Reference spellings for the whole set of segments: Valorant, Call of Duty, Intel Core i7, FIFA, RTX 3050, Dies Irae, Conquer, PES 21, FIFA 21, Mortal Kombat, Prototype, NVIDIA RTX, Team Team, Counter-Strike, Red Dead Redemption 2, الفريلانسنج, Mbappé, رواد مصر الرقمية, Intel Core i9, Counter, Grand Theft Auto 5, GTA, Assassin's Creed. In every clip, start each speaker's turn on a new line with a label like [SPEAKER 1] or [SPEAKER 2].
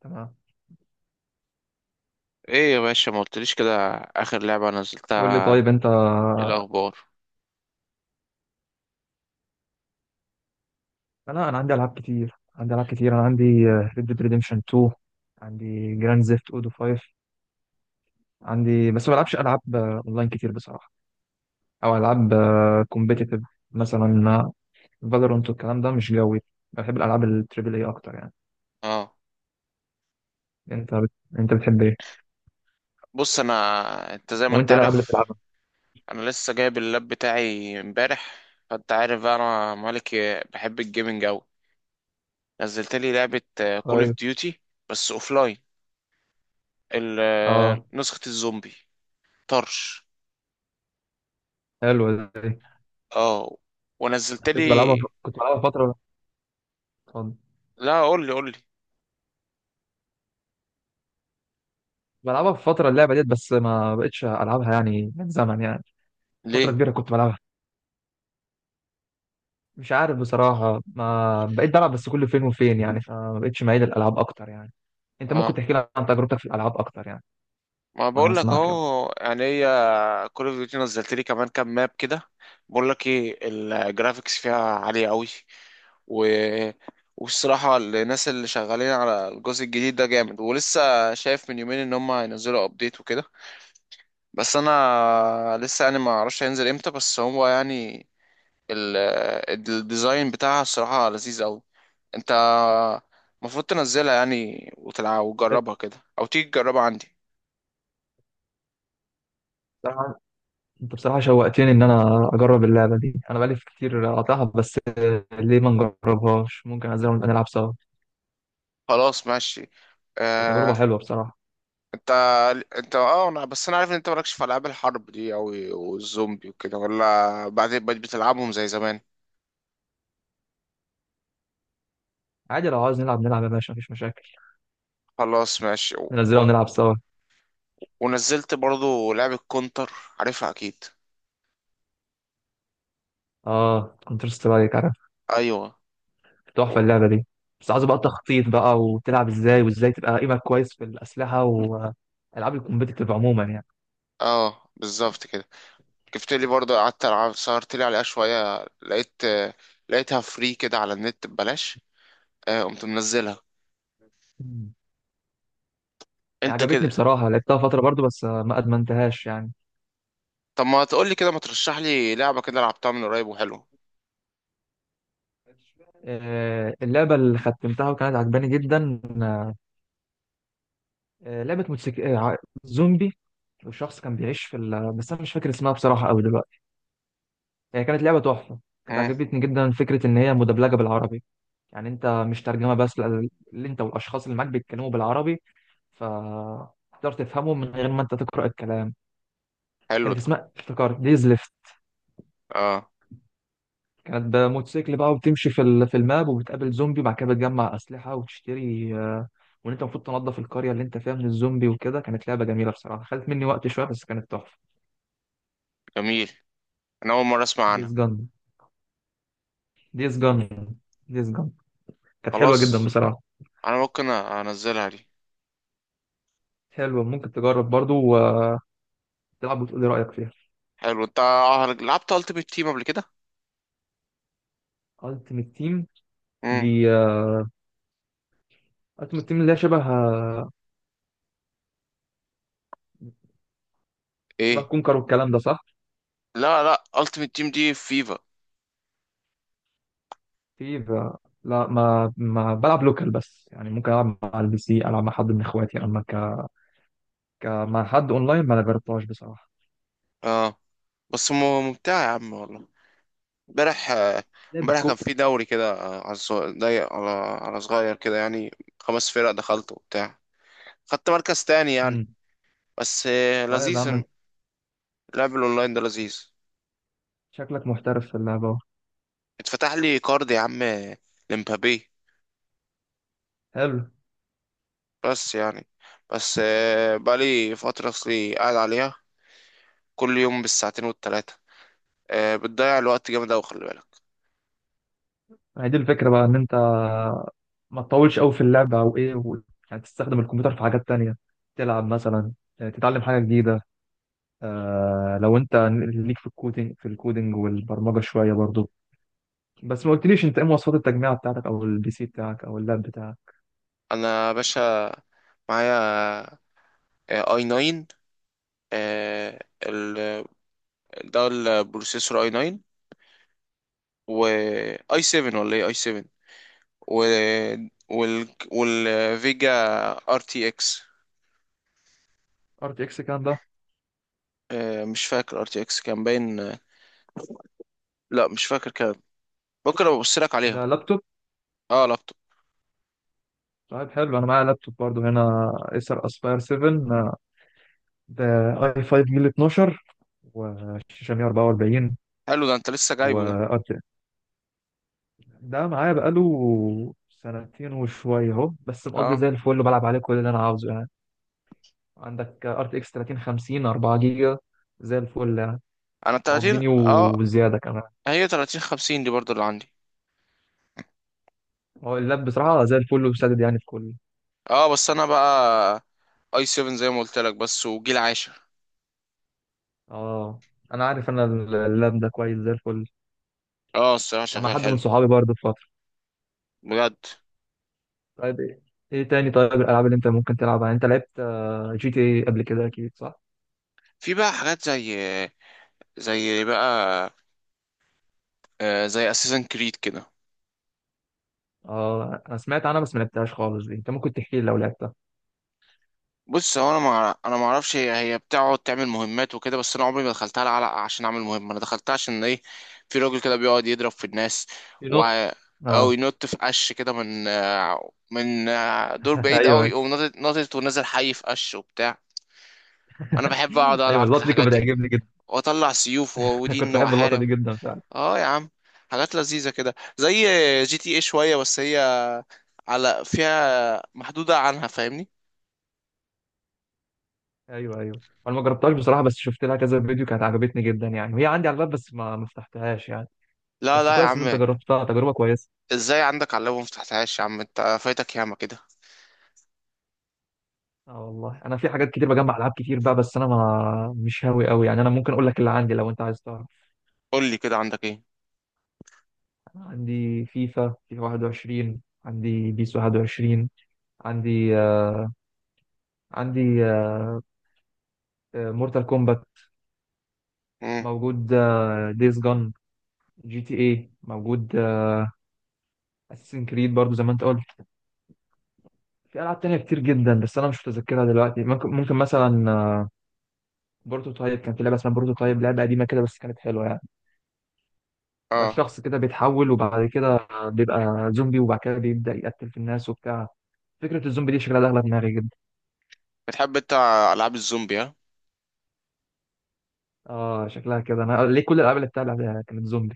[SPEAKER 1] تمام.
[SPEAKER 2] ايه يا باشا ما قلتليش كده. اخر لعبة
[SPEAKER 1] قول لي
[SPEAKER 2] نزلتها.
[SPEAKER 1] طيب انت.
[SPEAKER 2] إيه الاخبار؟
[SPEAKER 1] انا عندي العاب كتير، انا عندي ريد ديد ريديمشن 2، عندي جراند زيفت اودو 5، عندي، بس ما بلعبش العاب اونلاين كتير بصراحه، او العاب كومبيتيتيف مثلا. فالورانت والكلام ده مش جوي. بحب الالعاب التريبل اي اكتر يعني.
[SPEAKER 2] اه،
[SPEAKER 1] انت بت... انت بتحب ايه؟
[SPEAKER 2] بص. انا زي ما
[SPEAKER 1] وانت
[SPEAKER 2] انت
[SPEAKER 1] ايه الالعاب اللي
[SPEAKER 2] عارف،
[SPEAKER 1] بتلعبها؟
[SPEAKER 2] انا لسه جايب اللاب بتاعي امبارح، فانت عارف بقى انا مالك بحب الجيمنج اوي. نزلت لي لعبة كول اوف
[SPEAKER 1] طيب.
[SPEAKER 2] ديوتي، بس اوفلاين،
[SPEAKER 1] اه،
[SPEAKER 2] نسخة الزومبي طرش.
[SPEAKER 1] حلو دي.
[SPEAKER 2] اه، ونزلت لي.
[SPEAKER 1] كنت بلعبها فتره. اتفضل.
[SPEAKER 2] لا قول لي قول لي
[SPEAKER 1] بلعبها في فتره اللعبه ديت، بس ما بقتش العبها يعني من زمن يعني، فتره كبيره كنت بلعبها. مش عارف بصراحة، ما بقيت بلعب بس كل فين وفين يعني، فما بقتش معيد الألعاب أكتر يعني. أنت ممكن
[SPEAKER 2] ليه.
[SPEAKER 1] تحكي لي عن تجربتك في الألعاب أكتر يعني؟
[SPEAKER 2] ما
[SPEAKER 1] وأنا
[SPEAKER 2] بقول لك
[SPEAKER 1] هسمعك يلا.
[SPEAKER 2] اهو، يعني هي كول اوف ديوتي نزلت لي كمان كام ماب كده. بقول لك ايه، الجرافيكس فيها عاليه قوي، و... والصراحه الناس اللي شغالين على الجزء الجديد ده جامد، ولسه شايف من يومين ان هم هينزلوا ابديت وكده. بس انا لسه يعني ما اعرفش هينزل امتى، بس هو يعني ال... الديزاين بتاعها الصراحه لذيذ قوي. انت المفروض تنزلها يعني وتلعب وتجربها كده، او تيجي تجربها عندي.
[SPEAKER 1] بصراحة، أنت بصراحة شوقتني إن أنا أجرب اللعبة دي. أنا بقالي كتير قاطعها، بس ليه ما نجربهاش؟ ممكن أنزلها ونبقى نلعب سوا.
[SPEAKER 2] خلاص ماشي.
[SPEAKER 1] تبقى تجربة
[SPEAKER 2] آه،
[SPEAKER 1] حلوة بصراحة.
[SPEAKER 2] انت انت اه، انا بس انا عارف ان انت مالكش في العاب الحرب دي اوي والزومبي وكده، ولا بعدين بقيت بتلعبهم زي زمان؟
[SPEAKER 1] عادي لو عاوز نلعب نلعب يا باشا، مفيش مشاكل.
[SPEAKER 2] خلاص ماشي
[SPEAKER 1] ننزلها ونلعب سوا.
[SPEAKER 2] ونزلت برضو لعبة كونتر، عارفها اكيد.
[SPEAKER 1] آه، كونتر سترايك عارف.
[SPEAKER 2] ايوه. و-
[SPEAKER 1] تحفة اللعبة دي. بس عاوز بقى تخطيط بقى، وتلعب إزاي وإزاي تبقى قيمك كويس في الأسلحة وألعاب الكومبيتيتيف عموما يعني.
[SPEAKER 2] اه بالظبط كده. جبت لي برضو قعدت العب، سهرت لي عليها شوية، لقيتها فري كده على النت ببلاش. قمت منزلها.
[SPEAKER 1] مم.
[SPEAKER 2] انت
[SPEAKER 1] عجبتني
[SPEAKER 2] كده.
[SPEAKER 1] بصراحة، لعبتها فترة برضو بس ما أدمنتهاش يعني.
[SPEAKER 2] طب ما تقول لي كده، ما ترشح لي لعبة كده لعبتها من قريب وحلوه.
[SPEAKER 1] اللعبة اللي ختمتها وكانت عجباني جدا، لعبة زومبي، وشخص كان بيعيش في بس أنا مش فاكر اسمها بصراحة أوي دلوقتي. هي كانت لعبة تحفة. كانت
[SPEAKER 2] مم،
[SPEAKER 1] عجبتني جدا فكرة إن هي مدبلجة بالعربي. يعني أنت مش ترجمة بس، لا، اللي أنت والأشخاص اللي معاك بيتكلموا بالعربي، فتقدر تفهمهم من غير ما أنت تقرأ الكلام.
[SPEAKER 2] حلو
[SPEAKER 1] كانت
[SPEAKER 2] ده.
[SPEAKER 1] اسمها افتكرت ديز.
[SPEAKER 2] اه،
[SPEAKER 1] كانت بموتوسيكل بقى، وبتمشي في في الماب، وبتقابل زومبي، وبعد كده بتجمع اسلحه وتشتري، وان انت المفروض تنظف القريه اللي انت فيها من الزومبي وكده. كانت لعبه جميله بصراحه، خدت مني وقت شويه بس كانت تحفه.
[SPEAKER 2] جميل، انا اول مره اسمع عنها.
[SPEAKER 1] ديز جن. ديز جن. ديز جن. كانت حلوه جدا
[SPEAKER 2] خلاص،
[SPEAKER 1] بصراحه.
[SPEAKER 2] انا ممكن انزلها دي.
[SPEAKER 1] حلوه، ممكن تجرب برضو وتلعب، وتقول لي رايك فيها.
[SPEAKER 2] حلو. انت لعبت التيمت تيم قبل كده؟
[SPEAKER 1] التيمت تيم.
[SPEAKER 2] امم.
[SPEAKER 1] دي التيمت تيم اللي هي شبه، شبه
[SPEAKER 2] ايه؟
[SPEAKER 1] كونكر والكلام ده صح؟
[SPEAKER 2] لا لا، التيمت تيم دي في فيفا.
[SPEAKER 1] في آه، لا، ما بلعب لوكال بس يعني، ممكن العب مع البي سي، العب مع حد من اخواتي، اما مع حد اونلاين ما انا جربتهاش بصراحه.
[SPEAKER 2] اه، بس م- ممتعه يا عم والله. امبارح آه،
[SPEAKER 1] لعبة
[SPEAKER 2] امبارح
[SPEAKER 1] كو.
[SPEAKER 2] كان في دوري كده ضيق، على على صغير كده يعني. خمس فرق دخلت وبتاع، خدت مركز تاني يعني.
[SPEAKER 1] امم.
[SPEAKER 2] بس
[SPEAKER 1] طيب يا عم
[SPEAKER 2] لذيذ،
[SPEAKER 1] انت،
[SPEAKER 2] اللعب الاونلاين ده لذيذ.
[SPEAKER 1] شكلك محترف في اللعبه أهو.
[SPEAKER 2] اتفتح لي كارد يا عم، لمبابي.
[SPEAKER 1] حلو.
[SPEAKER 2] بس يعني، بس بقالي فترة أصلي قاعد عليها كل يوم بالساعتين والتلاتة. بتضيع الوقت جامد أوي، خلي بالك.
[SPEAKER 1] ما هي دي الفكره بقى، ان انت ما تطولش قوي في اللعبه او ايه يعني تستخدم الكمبيوتر في حاجات تانية، تلعب مثلا، تتعلم حاجه جديده. آه، لو انت ليك في الكودينج والبرمجه شويه برضو. بس ما قلتليش انت ايه مواصفات التجميع بتاعتك، او البي سي بتاعك او اللاب بتاعك؟
[SPEAKER 2] أنا يا باشا معايا اي 9، ال ده البروسيسور اي 9، و اي 7 ولا ايه، اي 7، و والفيجا ار تي اكس.
[SPEAKER 1] ار تي اكس كام ده؟
[SPEAKER 2] مش فاكر ار تي اكس كان باين. لا مش فاكر، كان ممكن ابقى ابص لك
[SPEAKER 1] ده
[SPEAKER 2] عليها.
[SPEAKER 1] لابتوب؟
[SPEAKER 2] اه، لابتوب.
[SPEAKER 1] طيب حلو، انا معايا لابتوب برضو هنا، ايسر اسباير 7. ده اي 5 جيل 12 وشاشة 144
[SPEAKER 2] حلو ده، انت لسه جايبه ده؟
[SPEAKER 1] وأرت. ده معايا بقاله سنتين وشوية اهو، بس مقضي زي
[SPEAKER 2] اه،
[SPEAKER 1] الفل وبلعب عليه كل اللي أنا عاوزه يعني. عندك ار تي اكس 3050 4 جيجا. زي الفل يعني،
[SPEAKER 2] انا التلاتين
[SPEAKER 1] مقضيني
[SPEAKER 2] اه،
[SPEAKER 1] وزيادة كمان.
[SPEAKER 2] هي تلاتين خمسين دي برضو اللي عندي.
[SPEAKER 1] هو اللاب بصراحة زي الفل وسدد يعني في كله.
[SPEAKER 2] اه، بس انا بقى اي 7 زي ما قلت لك، بس وجيل عاشر.
[SPEAKER 1] اه. أنا عارف، أنا اللاب ده كويس زي الفل.
[SPEAKER 2] اه، الصراحه
[SPEAKER 1] كان مع
[SPEAKER 2] شغال
[SPEAKER 1] حد من
[SPEAKER 2] حلو
[SPEAKER 1] صحابي برضه في فترة.
[SPEAKER 2] بجد.
[SPEAKER 1] طيب إيه، إيه تاني طيب الألعاب اللي أنت ممكن تلعبها؟ يعني أنت لعبت جي تي اي قبل كده أكيد صح؟
[SPEAKER 2] في بقى حاجات زي، زي بقى آه، زي اساسن كريد كده.
[SPEAKER 1] اه، انا سمعت عنها بس ما لعبتهاش خالص دي، انت ممكن تحكي لي لو لعبتها.
[SPEAKER 2] بص هو انا ما اعرفش، هي بتقعد تعمل مهمات وكده، بس انا عمري ما دخلتها على عشان اعمل مهمه. انا دخلتها عشان ايه؟ في راجل كده بيقعد يضرب في الناس و
[SPEAKER 1] ينط.
[SPEAKER 2] او
[SPEAKER 1] اه.
[SPEAKER 2] ينط في قش كده من دور بعيد قوي،
[SPEAKER 1] ايوه.
[SPEAKER 2] يقوم ناطط ونازل حي في قش وبتاع. انا بحب اقعد
[SPEAKER 1] ايوه،
[SPEAKER 2] العب كده
[SPEAKER 1] اللقطه دي
[SPEAKER 2] الحاجات
[SPEAKER 1] كانت
[SPEAKER 2] دي،
[SPEAKER 1] بتعجبني جدا.
[SPEAKER 2] واطلع سيوف
[SPEAKER 1] كنت
[SPEAKER 2] ودين
[SPEAKER 1] بحب اللقطه
[SPEAKER 2] واحارب.
[SPEAKER 1] دي جدا، مش عارف.
[SPEAKER 2] اه يا عم، حاجات لذيذة كده زي جي تي ايه شوية، بس هي على فيها محدودة عنها، فاهمني؟
[SPEAKER 1] ايوه ايوه، انا ما جربتهاش بصراحه، بس شفت لها كذا فيديو كانت عجبتني جدا يعني، وهي عندي على الباب بس ما فتحتهاش يعني.
[SPEAKER 2] لا
[SPEAKER 1] بس
[SPEAKER 2] لا يا
[SPEAKER 1] كويس ان انت
[SPEAKER 2] عم،
[SPEAKER 1] جربتها تجربه كويسه.
[SPEAKER 2] ازاي عندك على اللاب مفتحتهاش؟ يا عم انت فايتك ياما كده.
[SPEAKER 1] اه والله، انا في حاجات كتير، بجمع العاب كتير بقى، بس انا ما مش هاوي قوي يعني. انا ممكن اقول لك اللي عندي لو انت عايز تعرف.
[SPEAKER 2] قول لي كده، عندك ايه؟
[SPEAKER 1] انا عندي فيفا، فيفا 21، عندي بيس 21، عندي آه، عندي مورتال كومبات
[SPEAKER 2] امم،
[SPEAKER 1] موجود، ديز جون، جي تي اي موجود، اساسن كريد برضو زي ما انت قلت. في العاب تانية كتير جدا بس انا مش متذكرها دلوقتي، ممكن مثلا بروتوتايب. كان في لعبه اسمها بروتوتايب، لعبه قديمه كده بس كانت حلوه يعني. بيبقى
[SPEAKER 2] اه.
[SPEAKER 1] الشخص كده بيتحول، وبعد كده بيبقى زومبي، وبعد كده بيبدا يقتل في الناس وبتاع. فكره الزومبي دي شكلها داخله في دماغي جدا.
[SPEAKER 2] بتحب انت العاب الزومبي، ها؟
[SPEAKER 1] اه، شكلها كده، انا ليه كل الالعاب اللي بتلعبها كانت زومبي.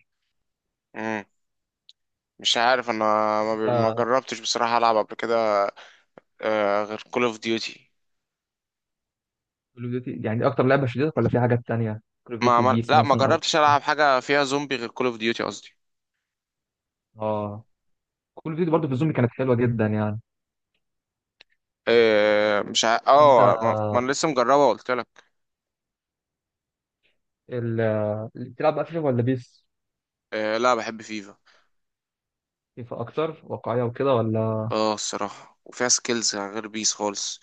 [SPEAKER 2] امم، مش عارف انا.
[SPEAKER 1] انت،
[SPEAKER 2] ما جربتش بصراحة العب قبل كده آه، غير كول اوف ديوتي.
[SPEAKER 1] كول اوف ديوتي يعني دي اكتر لعبه شديدة ولا في حاجات تانية؟ كول اوف
[SPEAKER 2] ما
[SPEAKER 1] ديوتي،
[SPEAKER 2] عمل...
[SPEAKER 1] بيس
[SPEAKER 2] لا ما
[SPEAKER 1] مثلا، او
[SPEAKER 2] جربتش العب حاجة فيها زومبي غير كول اوف ديوتي قصدي.
[SPEAKER 1] اه. كول اوف ديوتي برضه في الزومبي كانت حلوه جدا يعني.
[SPEAKER 2] آه مش ع...
[SPEAKER 1] انت
[SPEAKER 2] اه، ما انا لسه مجربها قلت لك.
[SPEAKER 1] ال- اللي بتلعب بقى فيفا ولا بيس؟
[SPEAKER 2] آه، لا بحب فيفا.
[SPEAKER 1] فيفا اكتر واقعيه وكده، ولا؟
[SPEAKER 2] اه، الصراحه وفيها سكيلز غير بيس خالص.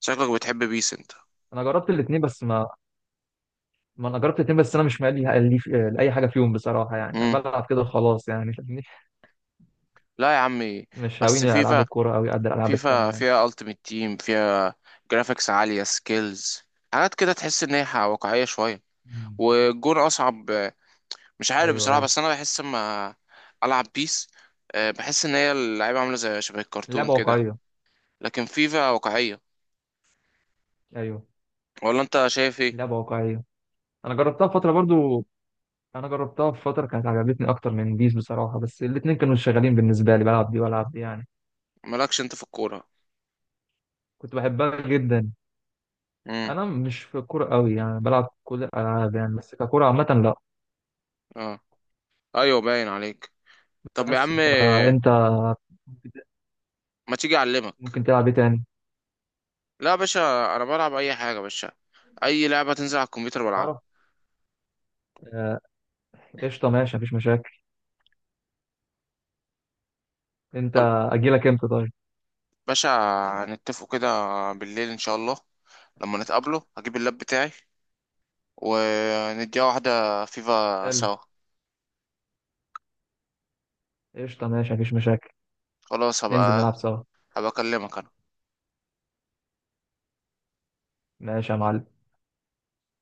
[SPEAKER 2] شكلك بتحب بيس انت.
[SPEAKER 1] انا جربت الاثنين بس، ما ما انا جربت الاثنين بس انا مش مالي، لي لاي حاجه فيهم بصراحه يعني، انا
[SPEAKER 2] مم.
[SPEAKER 1] بلعب كده خلاص يعني فاهمني.
[SPEAKER 2] لا يا عمي،
[SPEAKER 1] مش
[SPEAKER 2] بس
[SPEAKER 1] هاويني العاب
[SPEAKER 2] فيفا.
[SPEAKER 1] الكوره قوي قد الالعاب التانيه يعني.
[SPEAKER 2] فيها التيمت تيم، فيها جرافيكس عاليه، سكيلز، حاجات كده تحس ان هي واقعيه شويه،
[SPEAKER 1] مم.
[SPEAKER 2] والجون اصعب. مش عارف
[SPEAKER 1] ايوه
[SPEAKER 2] بصراحه،
[SPEAKER 1] ايوه،
[SPEAKER 2] بس انا بحس اما العب بيس بحس ان هي اللعيبه عامله زي شبه الكرتون
[SPEAKER 1] اللعبه
[SPEAKER 2] كده،
[SPEAKER 1] واقعيه.
[SPEAKER 2] لكن فيفا واقعيه.
[SPEAKER 1] ايوه،
[SPEAKER 2] ولا انت شايف ايه؟
[SPEAKER 1] اللعبه واقعيه. انا جربتها فتره برضو، انا جربتها في فتره كانت عجبتني اكتر من بيس بصراحه، بس الاثنين كانوا شغالين بالنسبه لي، بلعب دي والعب دي يعني.
[SPEAKER 2] مالكش انت في الكوره؟
[SPEAKER 1] كنت بحبها جدا.
[SPEAKER 2] امم،
[SPEAKER 1] انا مش في الكوره قوي يعني، بلعب كل الالعاب يعني بس ككوره عامه لا.
[SPEAKER 2] اه. ايوه، باين عليك. طب يا
[SPEAKER 1] بس
[SPEAKER 2] عم،
[SPEAKER 1] فانت
[SPEAKER 2] ما تيجي اعلمك.
[SPEAKER 1] ممكن تلعب ايه تاني؟
[SPEAKER 2] لا يا باشا، انا بلعب اي حاجه يا باشا، اي لعبه تنزل على الكمبيوتر بلعبها.
[SPEAKER 1] تعرف، آه، قشطه ماشي مفيش مشاكل. انت
[SPEAKER 2] خل-
[SPEAKER 1] اجي لك امتى طيب؟
[SPEAKER 2] باشا، هنتفقوا كده بالليل ان شاء الله، لما نتقابله هجيب اللاب بتاعي، ونديها واحده فيفا
[SPEAKER 1] حلو،
[SPEAKER 2] سوا.
[SPEAKER 1] قشطه ماشي مفيش مشاكل.
[SPEAKER 2] خلاص،
[SPEAKER 1] ننزل نلعب سوا.
[SPEAKER 2] هبقى اكلمك انا.
[SPEAKER 1] ماشي يا معلم.